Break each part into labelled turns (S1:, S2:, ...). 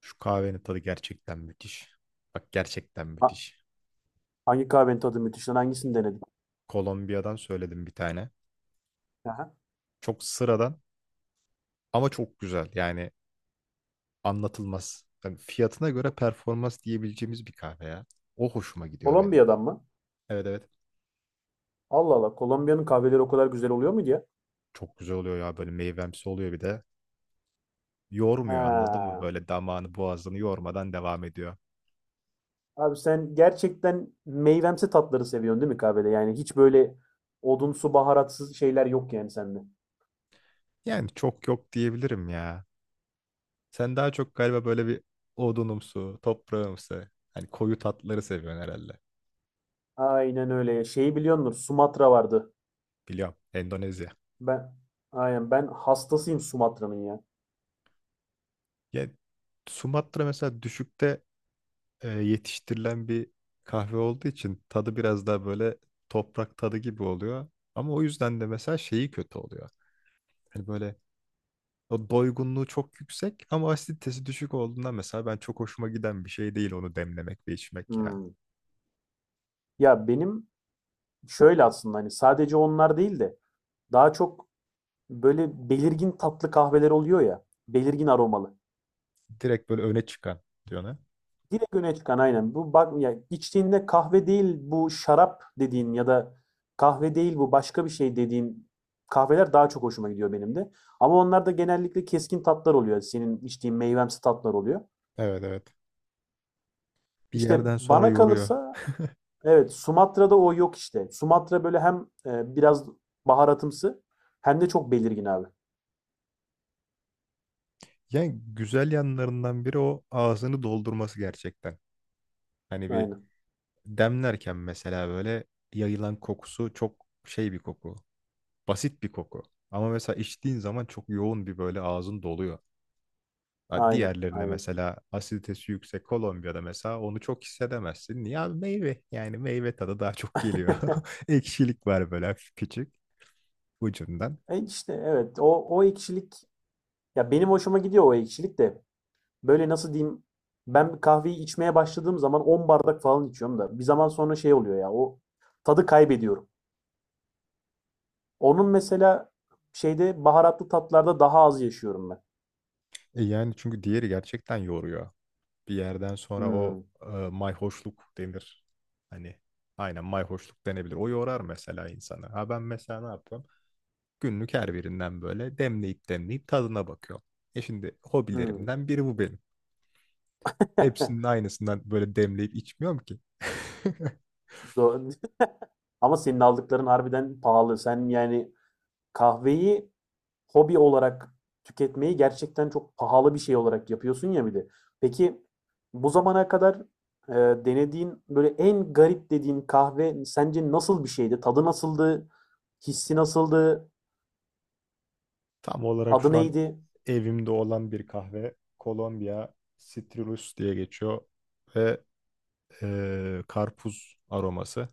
S1: Şu kahvenin tadı gerçekten müthiş. Bak gerçekten
S2: Ha-
S1: müthiş.
S2: hangi kahvenin tadı müthiş lan? Hangisini denedin?
S1: Kolombiya'dan söyledim bir tane.
S2: Aha.
S1: Çok sıradan ama çok güzel. Yani anlatılmaz. Yani fiyatına göre performans diyebileceğimiz bir kahve ya. O hoşuma gidiyor benim.
S2: Kolombiya'dan mı?
S1: Evet, evet.
S2: Allah Allah. Kolombiya'nın kahveleri o kadar güzel oluyor muydu ya?
S1: Çok güzel oluyor ya, böyle meyvemsi oluyor bir de. Yormuyor, anladın mı?
S2: Ha.
S1: Böyle damağını boğazını yormadan devam ediyor.
S2: Abi sen gerçekten meyvemsi tatları seviyorsun, değil mi, kahvede? Yani hiç böyle odunsu baharatsız şeyler yok yani sende.
S1: Yani çok yok diyebilirim ya. Sen daha çok galiba böyle bir odunumsu, toprağımsı, hani koyu tatları seviyorsun herhalde.
S2: Aynen öyle. Şeyi biliyorsunuz, Sumatra vardı.
S1: Biliyorum. Endonezya.
S2: Ben aynen ben hastasıyım Sumatra'nın ya.
S1: Ya Sumatra mesela düşükte yetiştirilen bir kahve olduğu için tadı biraz daha böyle toprak tadı gibi oluyor. Ama o yüzden de mesela şeyi kötü oluyor. Hani böyle o doygunluğu çok yüksek ama asiditesi düşük olduğundan mesela ben çok hoşuma giden bir şey değil onu demlemek ve içmek ya.
S2: Hmm. Ya benim şöyle aslında hani sadece onlar değil de daha çok böyle belirgin tatlı kahveler oluyor ya. Belirgin aromalı.
S1: Direkt böyle öne çıkan diyor ne?
S2: Direkt öne çıkan aynen. Bu bak ya, içtiğinde kahve değil bu şarap dediğin ya da kahve değil bu başka bir şey dediğin kahveler daha çok hoşuma gidiyor benim de. Ama onlar da genellikle keskin tatlar oluyor. Senin içtiğin meyvemsi tatlar oluyor.
S1: Evet, evet. Bir
S2: İşte
S1: yerden sonra
S2: bana
S1: yoruyor.
S2: kalırsa evet, Sumatra'da o yok işte. Sumatra böyle hem biraz baharatımsı hem de çok belirgin abi.
S1: Yani güzel yanlarından biri o ağzını doldurması gerçekten. Hani bir
S2: Aynen.
S1: demlerken mesela böyle yayılan kokusu çok şey bir koku. Basit bir koku. Ama mesela içtiğin zaman çok yoğun bir böyle ağzın doluyor. Ha,
S2: Aynen.
S1: diğerlerine
S2: Aynen.
S1: mesela asiditesi yüksek Kolombiya'da mesela onu çok hissedemezsin. Ya meyve, yani meyve tadı daha çok geliyor. Ekşilik var böyle hafif küçük ucundan.
S2: E işte evet, o ekşilik ya, benim hoşuma gidiyor o ekşilik de. Böyle nasıl diyeyim? Ben kahveyi içmeye başladığım zaman 10 bardak falan içiyorum da bir zaman sonra şey oluyor ya, o tadı kaybediyorum. Onun mesela şeyde baharatlı tatlarda daha az yaşıyorum ben.
S1: E yani çünkü diğeri gerçekten yoruyor. Bir yerden sonra o
S2: Hmm,
S1: mayhoşluk denir. Hani aynen, mayhoşluk denebilir. O yorar mesela insanı. Ha, ben mesela ne yapıyorum? Günlük her birinden böyle demleyip demleyip tadına bakıyorum. E şimdi
S2: hmm.
S1: hobilerimden biri bu benim. Hepsinin aynısından böyle demleyip içmiyorum ki.
S2: Do- Ama senin aldıkların harbiden pahalı. Sen yani kahveyi hobi olarak tüketmeyi gerçekten çok pahalı bir şey olarak yapıyorsun ya bir de. Peki bu zamana kadar e, denediğin böyle en garip dediğin kahve sence nasıl bir şeydi? Tadı nasıldı? Hissi nasıldı?
S1: Tam olarak
S2: Adı
S1: şu an
S2: neydi?
S1: evimde olan bir kahve Kolombiya Citrus diye geçiyor ve karpuz aroması.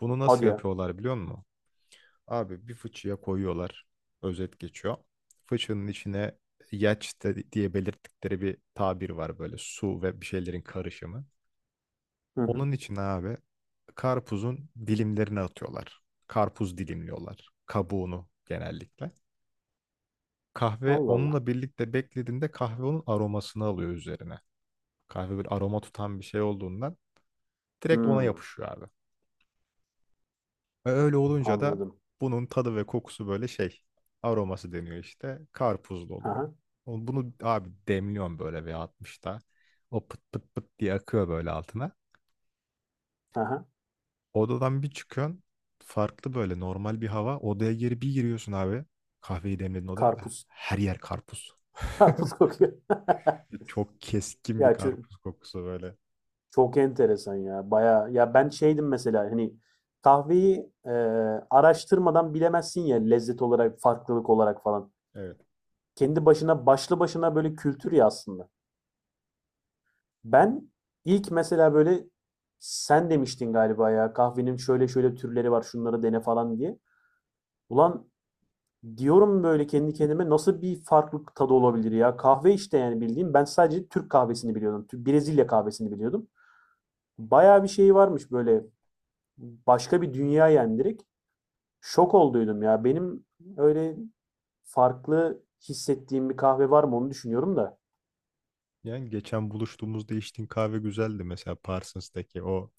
S1: Bunu nasıl
S2: Hadi ya.
S1: yapıyorlar, biliyor musun? Abi bir fıçıya koyuyorlar. Özet geçiyor. Fıçının içine diye belirttikleri bir tabir var böyle, su ve bir şeylerin karışımı.
S2: Hı hı.
S1: Onun içine abi karpuzun dilimlerini atıyorlar. Karpuz dilimliyorlar. Kabuğunu genellikle. Kahve
S2: Allah Allah.
S1: onunla birlikte beklediğinde kahve onun aromasını alıyor üzerine. Kahve bir aroma tutan bir şey olduğundan direkt ona
S2: Hmm,
S1: yapışıyor abi. Ve öyle olunca da
S2: anladım.
S1: bunun tadı ve kokusu böyle şey, aroması deniyor işte, karpuzlu oluyor.
S2: Aha,
S1: O- bunu abi demliyorsun böyle bir 60'ta. O pıt pıt pıt diye akıyor böyle altına.
S2: aha.
S1: Odadan bir çıkıyorsun, farklı böyle normal bir hava. Odaya geri bir giriyorsun abi. Kahveyi demledin odaya. Ah,
S2: Karpuz.
S1: her yer karpuz.
S2: Karpuz kokuyor.
S1: Çok keskin bir
S2: Ya çö-
S1: karpuz kokusu böyle.
S2: Çok enteresan ya. Bayağı ya, ben şeydim mesela hani kahveyi araştırmadan bilemezsin ya, lezzet olarak, farklılık olarak falan.
S1: Evet.
S2: Kendi başına başlı başına böyle kültür ya aslında. Ben ilk mesela böyle sen demiştin galiba ya kahvenin şöyle şöyle türleri var, şunları dene falan diye. Ulan diyorum böyle kendi kendime, nasıl bir farklılık tadı olabilir ya? Kahve işte yani bildiğim ben sadece Türk kahvesini biliyordum. Brezilya kahvesini biliyordum. Bayağı bir şey varmış böyle, başka bir dünya yani. Şok olduydum ya. Benim öyle farklı hissettiğim bir kahve var mı onu düşünüyorum da.
S1: Yani geçen buluştuğumuzda içtiğin kahve güzeldi mesela, Parsons'taki o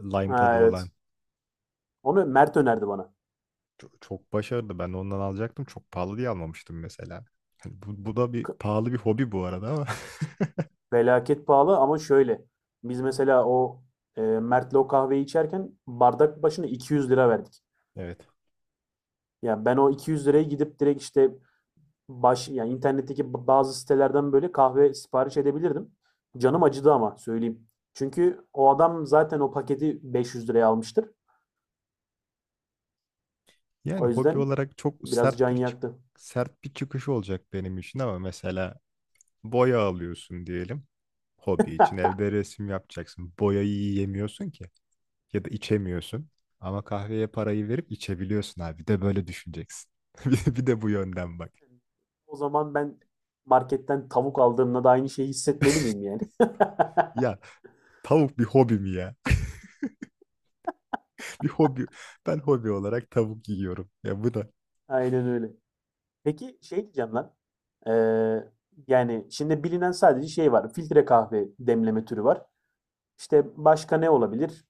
S1: lime tadı
S2: Ha, evet.
S1: olan
S2: Onu Mert önerdi bana.
S1: çok, çok başarılı. Ben de ondan alacaktım. Çok pahalı diye almamıştım mesela. Hani bu, bu da bir
S2: K-
S1: pahalı bir hobi bu arada ama.
S2: Felaket pahalı ama şöyle. Biz mesela Mert'le o kahveyi içerken bardak başına 200 lira verdik.
S1: Evet.
S2: Ya ben o 200 liraya gidip direkt işte yani internetteki bazı sitelerden böyle kahve sipariş edebilirdim. Canım acıdı ama söyleyeyim. Çünkü o adam zaten o paketi 500 liraya almıştır.
S1: Yani
S2: O
S1: hobi
S2: yüzden
S1: olarak çok
S2: biraz can
S1: sert bir
S2: yaktı.
S1: sert bir çıkış olacak benim için ama mesela boya alıyorsun diyelim. Hobi için evde resim yapacaksın. Boyayı yiyemiyorsun ki ya da içemiyorsun. Ama kahveye parayı verip içebiliyorsun abi. Bir de böyle düşüneceksin. Bir de bu yönden bak.
S2: O zaman ben marketten tavuk aldığımda da aynı şeyi hissetmeli miyim yani?
S1: Ya tavuk bir hobi mi ya? Bir hobi. Ben hobi olarak tavuk yiyorum. Ya bu da
S2: Aynen öyle. Peki şey diyeceğim lan. Ee, yani şimdi bilinen sadece şey var. Filtre kahve demleme türü var. İşte başka ne olabilir?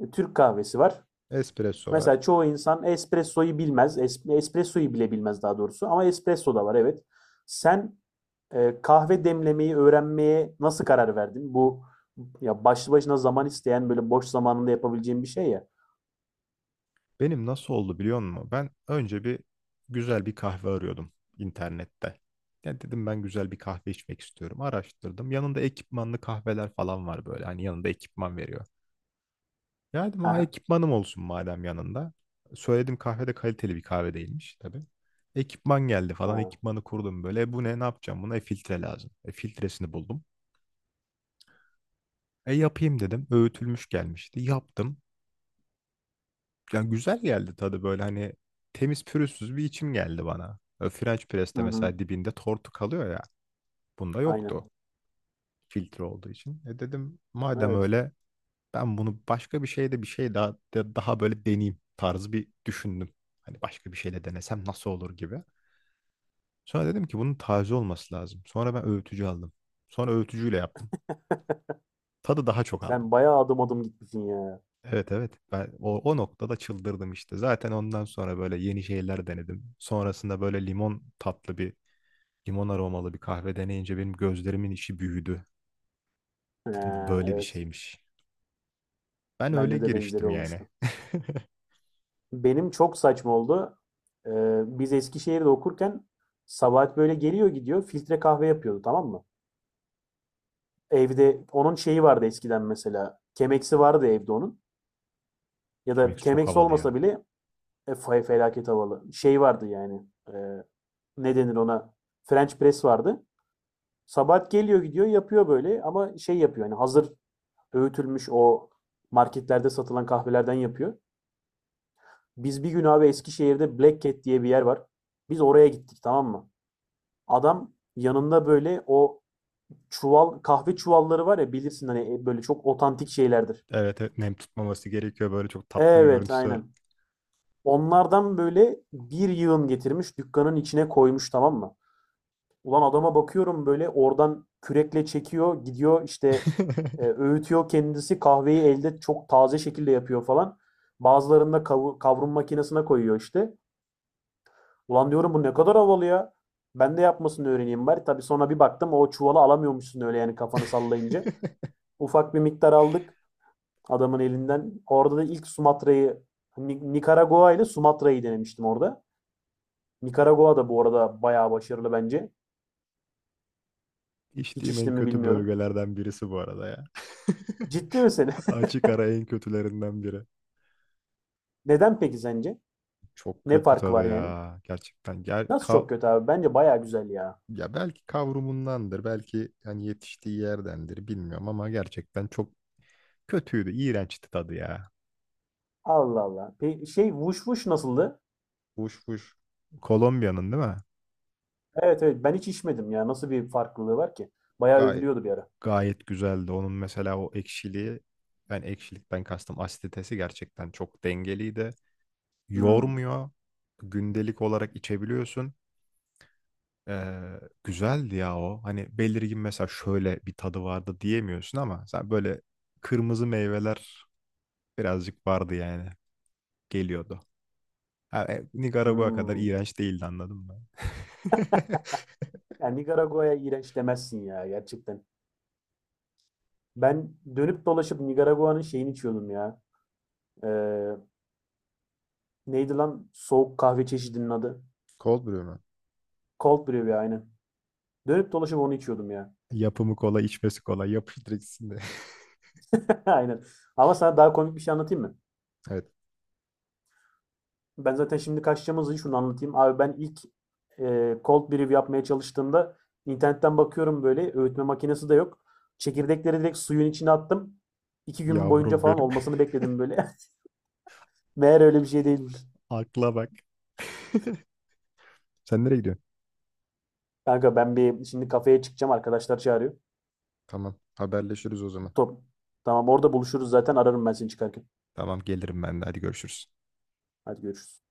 S2: Türk kahvesi var.
S1: espresso var.
S2: Mesela çoğu insan espressoyu bilmez. Espressoyu bile bilmez daha doğrusu. Ama espresso da var, evet. Sen kahve demlemeyi öğrenmeye nasıl karar verdin? Bu ya başlı başına zaman isteyen böyle boş zamanında yapabileceğin bir şey ya.
S1: Benim nasıl oldu, biliyor musun? Ben önce bir güzel bir kahve arıyordum internette. Ya dedim ben güzel bir kahve içmek istiyorum. Araştırdım. Yanında ekipmanlı kahveler falan var böyle. Hani yanında ekipman veriyor. Ya dedim ha,
S2: Aha.
S1: ekipmanım olsun madem yanında. Söyledim, kahve de kaliteli bir kahve değilmiş tabii. Ekipman geldi falan.
S2: Ha.
S1: Ekipmanı kurdum böyle. E bu ne, ne yapacağım? Buna filtre lazım. Filtresini buldum. E yapayım dedim. Öğütülmüş gelmişti. Yaptım. Yani güzel geldi tadı böyle, hani temiz pürüzsüz bir içim geldi bana. French
S2: Hı
S1: press'te
S2: hı.
S1: mesela dibinde tortu kalıyor ya. Bunda
S2: Aynen.
S1: yoktu filtre olduğu için. E dedim madem
S2: Evet.
S1: öyle ben bunu başka bir şeyde bir şey daha daha böyle deneyeyim tarzı bir düşündüm. Hani başka bir şeyle denesem nasıl olur gibi. Sonra dedim ki bunun taze olması lazım. Sonra ben öğütücü aldım. Sonra öğütücüyle yaptım. Tadı daha çok
S2: Sen
S1: aldım.
S2: bayağı adım adım gitmişsin ya.
S1: Evet, evet, ben o noktada çıldırdım işte. Zaten ondan sonra böyle yeni şeyler denedim. Sonrasında böyle limon tatlı bir limon aromalı bir kahve deneyince benim gözlerimin içi büyüdü. Dedim bu
S2: Ee,
S1: böyle bir
S2: evet.
S1: şeymiş. Ben öyle
S2: Bende de benzeri
S1: giriştim yani.
S2: olmuştu. Benim çok saçma oldu. Biz Eskişehir'de okurken Sabahat böyle geliyor gidiyor filtre kahve yapıyordu, tamam mı? Evde onun şeyi vardı eskiden mesela. Kemeksi vardı evde onun. Ya
S1: Chemex
S2: da
S1: çok
S2: kemeksi
S1: havalı
S2: olmasa
S1: ya.
S2: bile felaket havalı. Şey vardı yani. e, ne denir ona? French press vardı. Sabahat geliyor gidiyor yapıyor böyle ama şey yapıyor yani hazır öğütülmüş o marketlerde satılan kahvelerden yapıyor. Biz bir gün abi Eskişehir'de Black Cat diye bir yer var. Biz oraya gittik, tamam mı? Adam yanında böyle o çuval, kahve çuvalları var ya, bilirsin hani, böyle çok otantik şeylerdir.
S1: Evet, evet, nem tutmaması gerekiyor, böyle çok tatlı bir
S2: Evet,
S1: görüntüsü var.
S2: aynen. Onlardan böyle bir yığın getirmiş, dükkanın içine koymuş, tamam mı? Ulan adama bakıyorum böyle, oradan kürekle çekiyor gidiyor işte, öğütüyor kendisi kahveyi elde çok taze şekilde yapıyor falan. Bazılarını da kavrum makinesine koyuyor işte. Ulan diyorum bu ne kadar havalı ya. Ben de yapmasını öğreneyim bari. Tabii sonra bir baktım o çuvalı alamıyormuşsun öyle yani kafanı sallayınca. Ufak bir miktar aldık adamın elinden. Orada da ilk Nikaragua ile Sumatra'yı denemiştim orada. Nikaragua da bu arada bayağı başarılı bence. Hiç
S1: İçtiğim en
S2: içtim mi
S1: kötü
S2: bilmiyorum.
S1: bölgelerden birisi bu arada ya.
S2: Ciddi misin?
S1: Açık ara en kötülerinden biri.
S2: Neden peki sence?
S1: Çok
S2: Ne
S1: kötü
S2: farkı var
S1: tadı
S2: yani?
S1: ya. Gerçekten. Gel,
S2: Nasıl çok kötü abi? Bence bayağı güzel ya.
S1: ya belki kavrumundandır, belki hani yetiştiği yerdendir bilmiyorum ama gerçekten çok kötüydü, iğrençti tadı ya.
S2: Allah Allah. Şey vuş vuş nasıldı?
S1: Fuş fuş. Kolombiya'nın değil mi?
S2: Evet, evet, ben hiç içmedim ya. Nasıl bir farklılığı var ki? Bayağı
S1: Gayet,
S2: övülüyordu bir ara.
S1: gayet güzeldi. Onun mesela o ekşiliği, ben ekşilikten kastım asiditesi gerçekten çok dengeliydi.
S2: Hmm.
S1: Yormuyor. Gündelik olarak içebiliyorsun. Ee, Güzeldi ya o. Hani belirgin mesela şöyle bir tadı vardı diyemiyorsun ama sen böyle kırmızı meyveler birazcık vardı yani. Geliyordu. Ha, Nikaragua kadar
S2: Hmm.
S1: iğrenç değildi, anladın mı?
S2: Yani Nikaragua'ya iğrenç demezsin ya gerçekten. Ben dönüp dolaşıp Nikaragua'nın şeyini içiyordum ya. Eee, Neydi lan soğuk kahve çeşidinin adı?
S1: Cold brew mu?
S2: Cold brew ya, aynen. Dönüp dolaşıp onu içiyordum ya.
S1: Yapımı kolay, içmesi kolay. Yapıştırsın.
S2: Aynen. Ama sana daha komik bir şey anlatayım mı?
S1: Evet.
S2: Ben zaten şimdi kaçacağımız için şunu anlatayım. Abi ben ilk cold brew yapmaya çalıştığımda internetten bakıyorum böyle öğütme makinesi de yok. Çekirdekleri direkt suyun içine attım. 2 gün boyunca
S1: Yavrum
S2: falan
S1: benim.
S2: olmasını bekledim böyle. Meğer öyle bir şey değilmiş.
S1: Akla bak. Sen nereye gidiyorsun?
S2: Kanka ben bir şimdi kafeye çıkacağım, arkadaşlar çağırıyor.
S1: Tamam. Haberleşiriz o zaman.
S2: Top. Tamam, orada buluşuruz zaten, ararım ben seni çıkarken.
S1: Tamam, gelirim ben de. Hadi görüşürüz.
S2: Hadi görüşürüz.